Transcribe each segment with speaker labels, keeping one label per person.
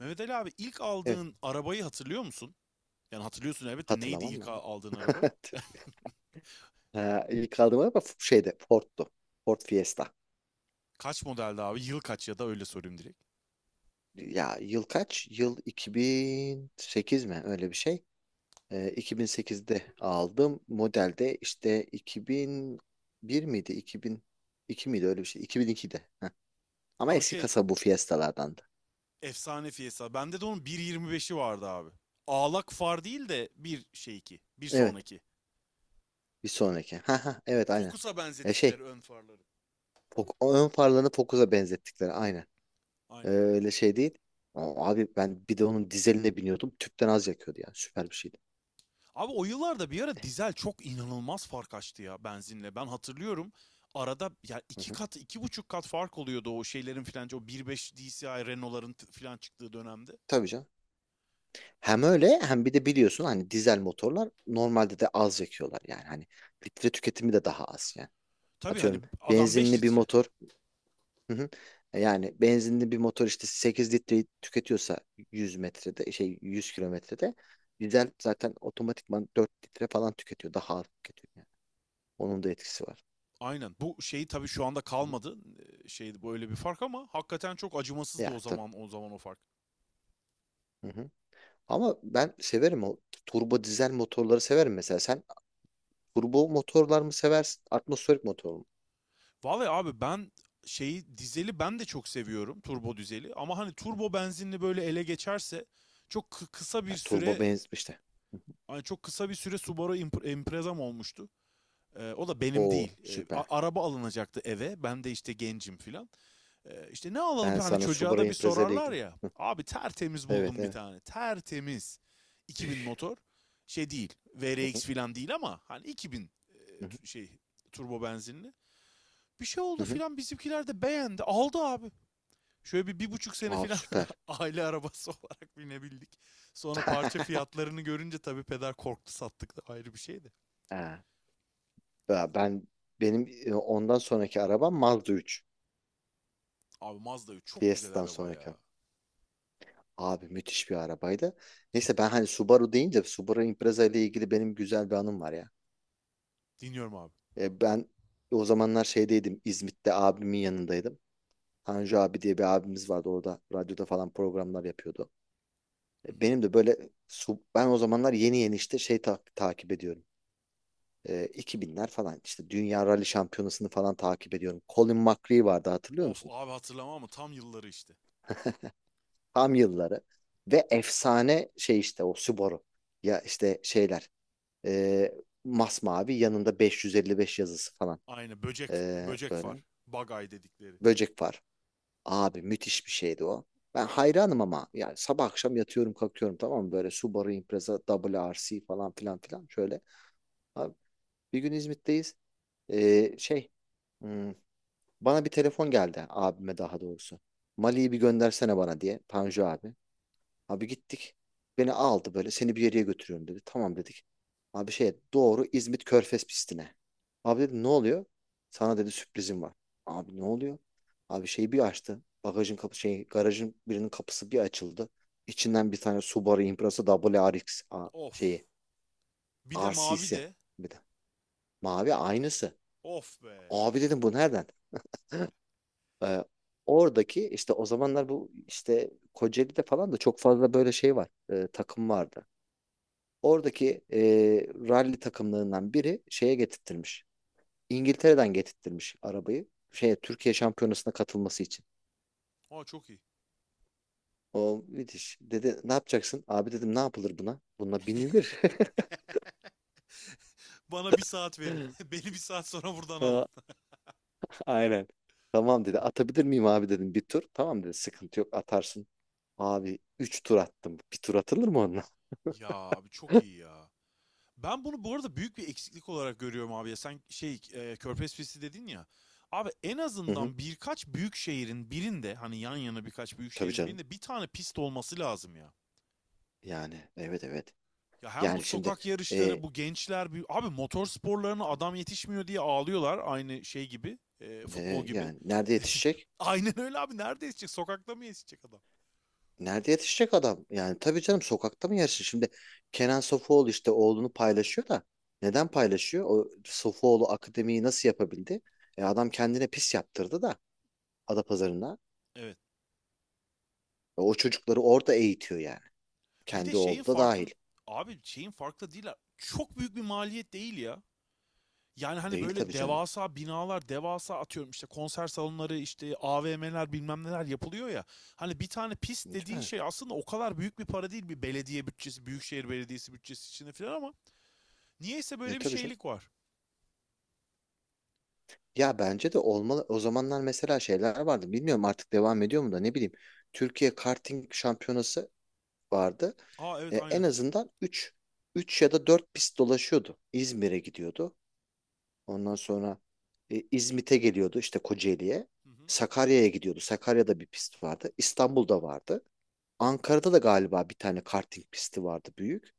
Speaker 1: Mehmet Ali abi, ilk
Speaker 2: Evet.
Speaker 1: aldığın arabayı hatırlıyor musun? Yani hatırlıyorsun elbette, neydi
Speaker 2: Hatırlamam
Speaker 1: ilk
Speaker 2: mı?
Speaker 1: aldığın araba?
Speaker 2: Ha, ilk aldığım araba şeyde Ford'tu. Ford Fiesta.
Speaker 1: Kaç modeldi abi? Yıl kaç, ya da öyle sorayım direkt.
Speaker 2: Ya yıl kaç? Yıl 2008 mi? Öyle bir şey. 2008'de aldım. Modelde işte 2001 miydi? 2002 miydi? Öyle bir şey. 2002'de. Heh. Ama
Speaker 1: Ha, bu
Speaker 2: eski
Speaker 1: şey,
Speaker 2: kasa bu Fiesta'lardandı.
Speaker 1: efsane Fiesta. Bende de onun 1.25'i vardı abi. Ağlak far değil de bir şey iki. Bir
Speaker 2: Evet.
Speaker 1: sonraki.
Speaker 2: Bir sonraki. Ha ha. Evet aynen.
Speaker 1: Focus'a
Speaker 2: Ya
Speaker 1: benzettikleri ön farları.
Speaker 2: Ön farlarını Focus'a benzettikleri aynen.
Speaker 1: Aynen.
Speaker 2: Öyle şey değil. Aa, abi ben bir de onun dizeline biniyordum. Tüpten az yakıyordu yani. Süper bir şeydi.
Speaker 1: Abi, o yıllarda bir ara dizel çok inanılmaz fark açtı ya benzinle. Ben hatırlıyorum arada ya
Speaker 2: Hı
Speaker 1: iki
Speaker 2: hı.
Speaker 1: kat, iki buçuk kat fark oluyordu o şeylerin filan, o 1.5 DCI Renault'ların filan çıktığı dönemde.
Speaker 2: Tabii canım. Hem öyle hem bir de biliyorsun hani dizel motorlar normalde de az yakıyorlar yani. Hani litre tüketimi de daha az yani.
Speaker 1: Tabii, hani
Speaker 2: Atıyorum
Speaker 1: adam 5
Speaker 2: benzinli bir
Speaker 1: litre.
Speaker 2: motor, hı hı. Yani benzinli bir motor işte 8 litreyi tüketiyorsa 100 metrede şey 100 kilometrede dizel zaten otomatikman 4 litre falan tüketiyor. Daha az tüketiyor yani. Onun da etkisi var.
Speaker 1: Aynen. Bu şeyi tabii şu anda
Speaker 2: Hı hı.
Speaker 1: kalmadı. Şey böyle bir fark, ama hakikaten çok acımasızdı o
Speaker 2: Ya tabii.
Speaker 1: zaman o zaman o fark.
Speaker 2: Hı hı. Ama ben severim o turbo dizel motorları severim mesela. Sen turbo motorlar mı seversin? Atmosferik motor mu?
Speaker 1: Vallahi abi, ben şeyi, dizeli ben de çok seviyorum, turbo dizeli, ama hani
Speaker 2: Hı.
Speaker 1: turbo benzinli böyle ele geçerse çok kısa bir
Speaker 2: Ya, turbo
Speaker 1: süre,
Speaker 2: benzin işte. Hı hı.
Speaker 1: hani çok kısa bir süre Subaru Impreza'm olmuştu. O da benim
Speaker 2: Oo
Speaker 1: değil.
Speaker 2: süper.
Speaker 1: Araba alınacaktı eve. Ben de işte gencim filan. İşte ne alalım,
Speaker 2: Ben
Speaker 1: hani
Speaker 2: sana
Speaker 1: çocuğa
Speaker 2: Subaru
Speaker 1: da bir
Speaker 2: Impreza ile
Speaker 1: sorarlar
Speaker 2: ilgili.
Speaker 1: ya.
Speaker 2: Hı.
Speaker 1: Abi, tertemiz
Speaker 2: Evet
Speaker 1: buldum bir
Speaker 2: evet.
Speaker 1: tane. Tertemiz. 2000 motor. Şey değil.
Speaker 2: Hı hı.
Speaker 1: VRX falan değil, ama hani 2000
Speaker 2: Hı hı.
Speaker 1: şey, turbo benzinli. Bir şey
Speaker 2: Hı
Speaker 1: oldu
Speaker 2: hı.
Speaker 1: filan, bizimkiler de beğendi. Aldı abi. Şöyle bir, bir buçuk sene
Speaker 2: Vav,
Speaker 1: filan
Speaker 2: süper.
Speaker 1: aile arabası olarak binebildik. Sonra parça fiyatlarını görünce tabii peder korktu, sattık, da ayrı bir şeydi.
Speaker 2: Ha. Ya benim ondan sonraki arabam Mazda 3.
Speaker 1: Abi, Mazda 3 çok güzel
Speaker 2: Fiesta'dan
Speaker 1: araba
Speaker 2: sonraki.
Speaker 1: ya.
Speaker 2: Abi müthiş bir arabaydı. Neyse ben hani Subaru deyince Subaru Impreza ile ilgili benim güzel bir anım var ya.
Speaker 1: Dinliyorum abi.
Speaker 2: Ben o zamanlar şeydeydim. İzmit'te abimin yanındaydım. Tanju abi diye bir abimiz vardı orada. Radyoda falan programlar yapıyordu.
Speaker 1: Hı hı.
Speaker 2: Benim de ben o zamanlar yeni yeni işte takip ediyorum. 2000'ler falan işte Dünya Rally Şampiyonası'nı falan takip ediyorum. Colin McRae vardı, hatırlıyor
Speaker 1: Of
Speaker 2: musun?
Speaker 1: abi, hatırlamam ama tam yılları işte.
Speaker 2: Tam yılları. Ve efsane şey işte o Subaru. Ya işte şeyler. E, Masmavi yanında 555 yazısı falan.
Speaker 1: Aynı, böcek böcek
Speaker 2: Böyle.
Speaker 1: var. Bagay dedikleri.
Speaker 2: Böcek var. Abi müthiş bir şeydi o. Ben hayranım ama yani sabah akşam yatıyorum kalkıyorum, tamam mı? Böyle Subaru Impreza Double RC falan filan filan şöyle. Abi bir gün İzmit'teyiz. Ee, şey hmm, bana bir telefon geldi, abime daha doğrusu. Mali'yi bir göndersene bana diye, Tanju abi. Abi gittik. Beni aldı böyle. Seni bir yere götürüyorum dedi. Tamam dedik. Abi doğru İzmit Körfez pistine. Abi dedi, ne oluyor? Sana dedi sürprizim var. Abi, ne oluyor? Abi şeyi bir açtı. Bagajın kapı şey Garajın birinin kapısı bir açıldı. İçinden bir tane Subaru Impreza WRX a-
Speaker 1: Of.
Speaker 2: şeyi
Speaker 1: Bir de
Speaker 2: R
Speaker 1: mavi
Speaker 2: RC'si,
Speaker 1: de.
Speaker 2: bir de. Mavi, aynısı.
Speaker 1: Of be.
Speaker 2: Abi dedim, bu nereden? Ee, Oradaki işte, o zamanlar bu işte Kocaeli'de falan da çok fazla böyle şey var, takım vardı. Oradaki rally takımlarından biri şeye getirttirmiş. İngiltere'den getirttirmiş arabayı. Türkiye şampiyonasına katılması için.
Speaker 1: Aa, çok iyi.
Speaker 2: O müthiş. Dedi, ne yapacaksın? Abi dedim, ne yapılır buna? Buna binilir.
Speaker 1: Bana bir saat verin. Beni bir saat sonra buradan alın.
Speaker 2: Ha, Aynen. Tamam dedi. Atabilir miyim abi dedim, bir tur. Tamam dedi. Sıkıntı yok, atarsın. Abi 3 tur attım. Bir tur atılır mı onunla?
Speaker 1: Ya abi, çok iyi ya. Ben bunu bu arada büyük bir eksiklik olarak görüyorum abi ya. Sen şey, Körfez Pisti dedin ya. Abi, en
Speaker 2: Hı hı.
Speaker 1: azından birkaç büyük şehrin birinde, hani yan yana, birkaç büyük
Speaker 2: Tabii
Speaker 1: şehrin
Speaker 2: canım.
Speaker 1: birinde bir tane pist olması lazım ya.
Speaker 2: Yani evet, evet.
Speaker 1: Ya, hem bu
Speaker 2: Yani şimdi
Speaker 1: sokak yarışları,
Speaker 2: e,
Speaker 1: bu gençler, abi motor sporlarına adam yetişmiyor diye ağlıyorlar, aynı şey gibi, futbol gibi.
Speaker 2: yani nerede yetişecek?
Speaker 1: Aynen öyle abi, nerede yetişecek, sokakta mı yetişecek adam?
Speaker 2: Nerede yetişecek adam? Yani tabii canım, sokakta mı yersin? Şimdi Kenan Sofuoğlu işte oğlunu paylaşıyor da, neden paylaşıyor? O Sofuoğlu akademiyi nasıl yapabildi? Adam kendine pis yaptırdı da Adapazarı'na.
Speaker 1: Evet.
Speaker 2: O çocukları orada eğitiyor yani.
Speaker 1: Bir de
Speaker 2: Kendi
Speaker 1: şeyin
Speaker 2: oğlu da dahil.
Speaker 1: farkın abi şeyin farklı değil. Çok büyük bir maliyet değil ya. Yani hani
Speaker 2: Değil
Speaker 1: böyle
Speaker 2: tabii canım.
Speaker 1: devasa binalar, devasa, atıyorum işte konser salonları, işte AVM'ler, bilmem neler yapılıyor ya. Hani bir tane pist dediğin
Speaker 2: Yani,
Speaker 1: şey aslında o kadar büyük bir para değil, bir belediye bütçesi, büyükşehir belediyesi bütçesi içinde falan ama niyeyse böyle bir
Speaker 2: tabii canım.
Speaker 1: şeylik var.
Speaker 2: Ya bence de olmalı. O zamanlar mesela şeyler vardı. Bilmiyorum artık devam ediyor mu da ne bileyim. Türkiye Karting Şampiyonası vardı.
Speaker 1: Aa, evet,
Speaker 2: En
Speaker 1: aynen.
Speaker 2: azından üç ya da 4 pist dolaşıyordu. İzmir'e gidiyordu. Ondan sonra İzmit'e geliyordu işte, Kocaeli'ye.
Speaker 1: Hı hı.
Speaker 2: Sakarya'ya gidiyordu. Sakarya'da bir pist vardı. İstanbul'da vardı. Ankara'da da galiba bir tane karting pisti vardı, büyük.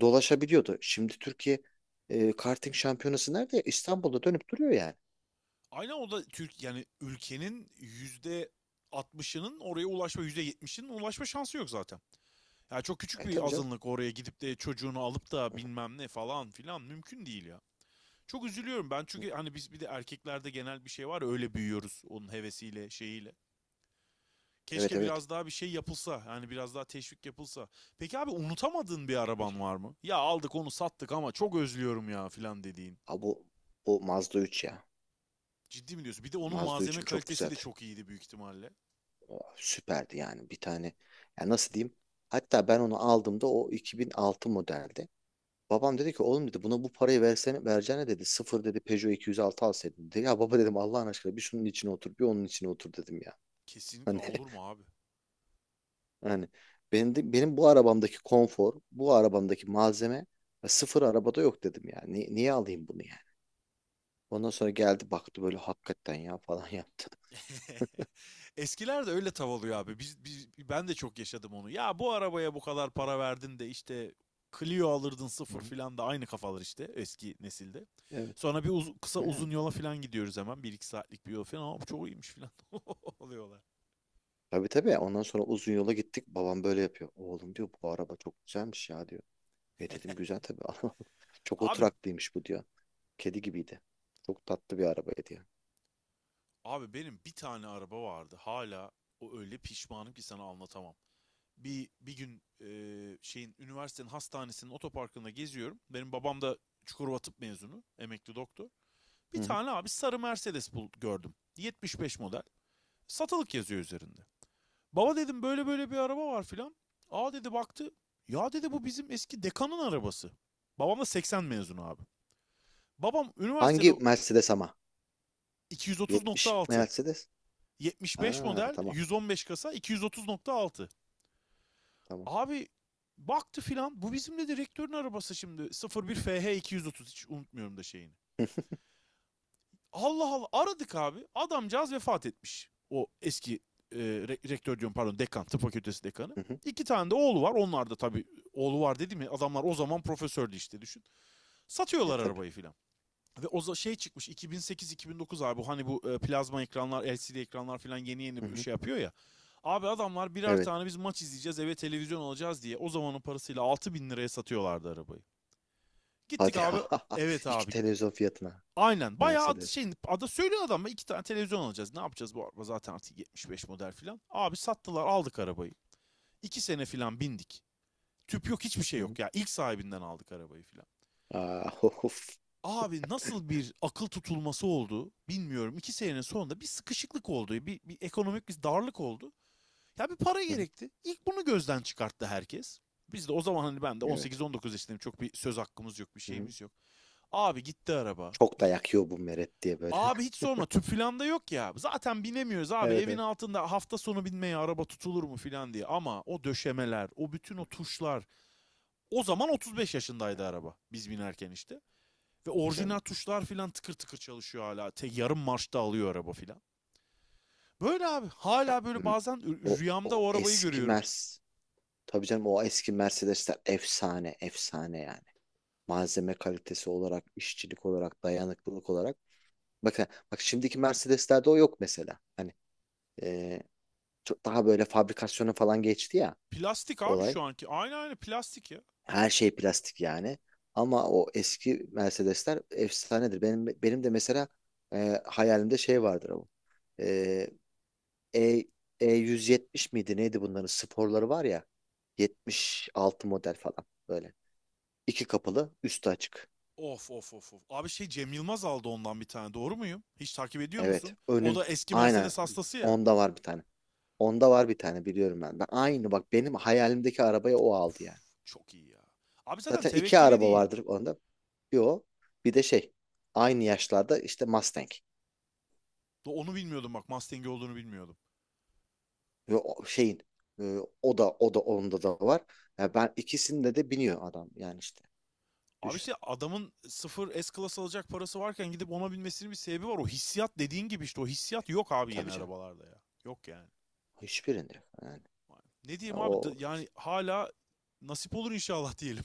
Speaker 2: Dolaşabiliyordu. Şimdi Türkiye karting şampiyonası nerede? İstanbul'da dönüp duruyor yani.
Speaker 1: Aynen, o da Türk, yani ülkenin yüzde 60'ının oraya ulaşma, yüzde 70'inin ulaşma şansı yok zaten. Ya, çok küçük bir
Speaker 2: Tabii canım.
Speaker 1: azınlık oraya gidip de çocuğunu alıp da bilmem ne falan filan, mümkün değil ya. Çok üzülüyorum ben, çünkü hani biz bir de erkeklerde genel bir şey var ya, öyle büyüyoruz, onun hevesiyle, şeyiyle.
Speaker 2: Evet
Speaker 1: Keşke
Speaker 2: evet.
Speaker 1: biraz daha bir şey yapılsa, yani biraz daha teşvik yapılsa. Peki abi, unutamadığın bir araban
Speaker 2: Keşke.
Speaker 1: var mı? Ya, aldık onu, sattık ama çok özlüyorum ya filan dediğin.
Speaker 2: Ha, bu, bu Mazda 3 ya.
Speaker 1: Ciddi mi diyorsun? Bir de onun
Speaker 2: Mazda
Speaker 1: malzeme
Speaker 2: üçüm çok
Speaker 1: kalitesi de
Speaker 2: güzeldi.
Speaker 1: çok iyiydi büyük ihtimalle.
Speaker 2: Oh, süperdi yani, bir tane. Ya nasıl diyeyim? Hatta ben onu aldığımda o 2006 modelde. Babam dedi ki, oğlum dedi, buna bu parayı versene vereceğine dedi. Sıfır dedi, Peugeot 206 alsaydın dedi. Ya baba dedim, Allah'ın aşkına bir şunun içine otur, bir onun içine otur dedim ya.
Speaker 1: Kesinlikle,
Speaker 2: Hani
Speaker 1: olur mu abi?
Speaker 2: hani benim bu arabamdaki konfor, bu arabamdaki malzeme ve sıfır arabada yok dedim ya. Niye alayım bunu yani? Ondan sonra geldi baktı böyle, hakikaten ya falan yaptı.
Speaker 1: Eskiler de öyle tav oluyor abi. Ben de çok yaşadım onu. Ya, bu arabaya bu kadar para verdin de işte Clio alırdın sıfır
Speaker 2: Hı.
Speaker 1: filan, da aynı kafalar işte eski nesilde.
Speaker 2: Evet.
Speaker 1: Sonra bir kısa
Speaker 2: Yani.
Speaker 1: uzun yola filan gidiyoruz hemen. Bir iki saatlik bir yol filan. Ama çok iyiymiş filan oluyorlar.
Speaker 2: Tabii tabii. Ondan sonra uzun yola gittik. Babam böyle yapıyor. Oğlum diyor, bu araba çok güzelmiş ya diyor. Dedim güzel tabii ama çok
Speaker 1: Abi
Speaker 2: oturaklıymış bu diyor. Kedi gibiydi. Çok tatlı bir araba diyor.
Speaker 1: abi benim bir tane araba vardı. Hala o öyle pişmanım ki sana anlatamam. Bir gün, şeyin, üniversitenin hastanesinin otoparkında geziyorum. Benim babam da Çukurova Tıp mezunu, emekli doktor. Bir
Speaker 2: Hı hı.
Speaker 1: tane abi, sarı Mercedes bul gördüm. 75 model. Satılık yazıyor üzerinde. Baba dedim, böyle böyle bir araba var filan. Aa dedi, baktı. Ya dedi, bu bizim eski dekanın arabası. Babam da 80 mezunu abi. Babam üniversitede
Speaker 2: Hangi Mercedes ama? 70
Speaker 1: 230.6.
Speaker 2: Mercedes?
Speaker 1: 75
Speaker 2: Ha,
Speaker 1: model,
Speaker 2: tamam
Speaker 1: 115 kasa 230.6.
Speaker 2: tamam.
Speaker 1: Abi, baktı filan, bu bizim de direktörün arabası. Şimdi, 01 FH 230, hiç unutmuyorum da şeyini. Allah Allah, aradık abi. Adamcağız vefat etmiş. O eski e, rektör, diyorum pardon, dekan, tıp fakültesi dekanı.
Speaker 2: Hı hı.
Speaker 1: İki tane de oğlu var. Onlar da tabii, oğlu var dedi mi adamlar, o zaman profesördü işte, düşün. Satıyorlar
Speaker 2: Tabii.
Speaker 1: arabayı filan. Ve o şey çıkmış, 2008-2009, abi hani bu plazma ekranlar, LCD ekranlar filan yeni
Speaker 2: Hı
Speaker 1: yeni bir
Speaker 2: hı.
Speaker 1: şey yapıyor ya. Abi, adamlar birer
Speaker 2: Evet.
Speaker 1: tane biz maç izleyeceğiz, eve televizyon alacağız diye, o zamanın parasıyla 6 bin liraya satıyorlardı arabayı. Gittik
Speaker 2: Hadi ya.
Speaker 1: abi, evet
Speaker 2: İki
Speaker 1: abi,
Speaker 2: televizyon fiyatına
Speaker 1: aynen. Bayağı
Speaker 2: Mercedes.
Speaker 1: şey, ada söylüyor, adama iki tane televizyon alacağız, ne yapacağız bu araba, zaten artık 75 model falan. Abi, sattılar, aldık arabayı. İki sene falan bindik. Tüp yok, hiçbir şey
Speaker 2: Hı hı.
Speaker 1: yok ya. İlk sahibinden aldık arabayı falan.
Speaker 2: Aa, of.
Speaker 1: Abi, nasıl bir akıl tutulması oldu bilmiyorum. İki senenin sonunda bir sıkışıklık oldu. Bir ekonomik bir darlık oldu. Ya, bir para
Speaker 2: Hı hı.
Speaker 1: gerekti. İlk bunu gözden çıkarttı herkes. Biz de o zaman hani, ben de
Speaker 2: Evet.
Speaker 1: 18-19 yaşındayım. Çok bir söz hakkımız yok, bir
Speaker 2: Hı hı.
Speaker 1: şeyimiz yok. Abi, gitti araba.
Speaker 2: Çok da yakıyor bu meret diye, böyle.
Speaker 1: Abi, hiç sorma, tüp filan da yok ya. Zaten binemiyoruz abi,
Speaker 2: Evet
Speaker 1: evin
Speaker 2: evet.
Speaker 1: altında hafta sonu binmeye araba tutulur mu filan diye. Ama o döşemeler, o bütün o
Speaker 2: Hı.
Speaker 1: tuşlar. O zaman 35
Speaker 2: Ya,
Speaker 1: yaşındaydı araba biz binerken işte. Ve
Speaker 2: tabii
Speaker 1: orijinal
Speaker 2: canım.
Speaker 1: tuşlar filan tıkır tıkır çalışıyor hala. Te yarım marşta alıyor araba filan. Böyle abi,
Speaker 2: Ya,
Speaker 1: hala böyle bazen
Speaker 2: O,
Speaker 1: rüyamda
Speaker 2: o
Speaker 1: o arabayı
Speaker 2: eski
Speaker 1: görüyorum.
Speaker 2: Mercedes. Tabii canım, o eski Mercedesler efsane, efsane yani. Malzeme kalitesi olarak, işçilik olarak, dayanıklılık olarak. Bakın, bak şimdiki Mercedeslerde o yok mesela. Hani e, çok daha böyle fabrikasyona falan geçti ya
Speaker 1: Plastik abi
Speaker 2: olay.
Speaker 1: şu anki. Aynı plastik ya.
Speaker 2: Her şey plastik yani. Ama o eski Mercedesler efsanedir. Benim de mesela hayalimde şey vardır o. E, E170 miydi neydi, bunların sporları var ya, 76 model falan böyle. İki kapılı, üstü açık.
Speaker 1: Of of of of. Abi şey, Cem Yılmaz aldı ondan bir tane. Doğru muyum? Hiç takip ediyor
Speaker 2: Evet
Speaker 1: musun? O
Speaker 2: önün,
Speaker 1: da eski
Speaker 2: aynen,
Speaker 1: Mercedes hastası ya.
Speaker 2: onda var bir tane. Onda var bir tane, biliyorum ben. Ben aynı bak, benim hayalimdeki arabayı o
Speaker 1: Of,
Speaker 2: aldı yani.
Speaker 1: çok iyi ya. Abi, zaten
Speaker 2: Zaten iki
Speaker 1: tevekkeli
Speaker 2: araba
Speaker 1: değil.
Speaker 2: vardır onda. Bir o, bir de şey aynı yaşlarda işte Mustang,
Speaker 1: Onu bilmiyordum bak, Mustang'i olduğunu bilmiyordum.
Speaker 2: ve o şeyin o da onda da var. Ya ben, ikisinde de biniyor adam yani işte
Speaker 1: Abi,
Speaker 2: düşün.
Speaker 1: işte adamın sıfır S-Class alacak parası varken gidip ona binmesinin bir sebebi var. O hissiyat, dediğin gibi işte, o hissiyat yok abi yeni
Speaker 2: Tabii canım.
Speaker 1: arabalarda ya. Yok yani.
Speaker 2: Hiçbirinde yok yani.
Speaker 1: Ne
Speaker 2: Ya
Speaker 1: diyeyim abi, yani hala nasip olur inşallah diyelim.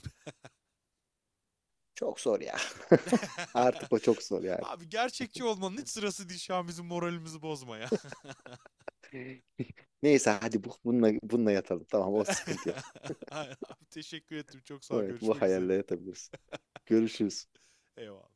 Speaker 2: çok zor ya. Artık o çok zor yani.
Speaker 1: Abi, gerçekçi olmanın hiç sırası değil şu an, bizim moralimizi bozma ya.
Speaker 2: Neyse hadi bununla yatalım. Tamam, o sıkıntı yok.
Speaker 1: Aynen abi, teşekkür ettim. Çok sağ ol.
Speaker 2: Evet, bu
Speaker 1: Görüşmek üzere.
Speaker 2: hayalle yatabiliriz. Görüşürüz.
Speaker 1: Eyvallah.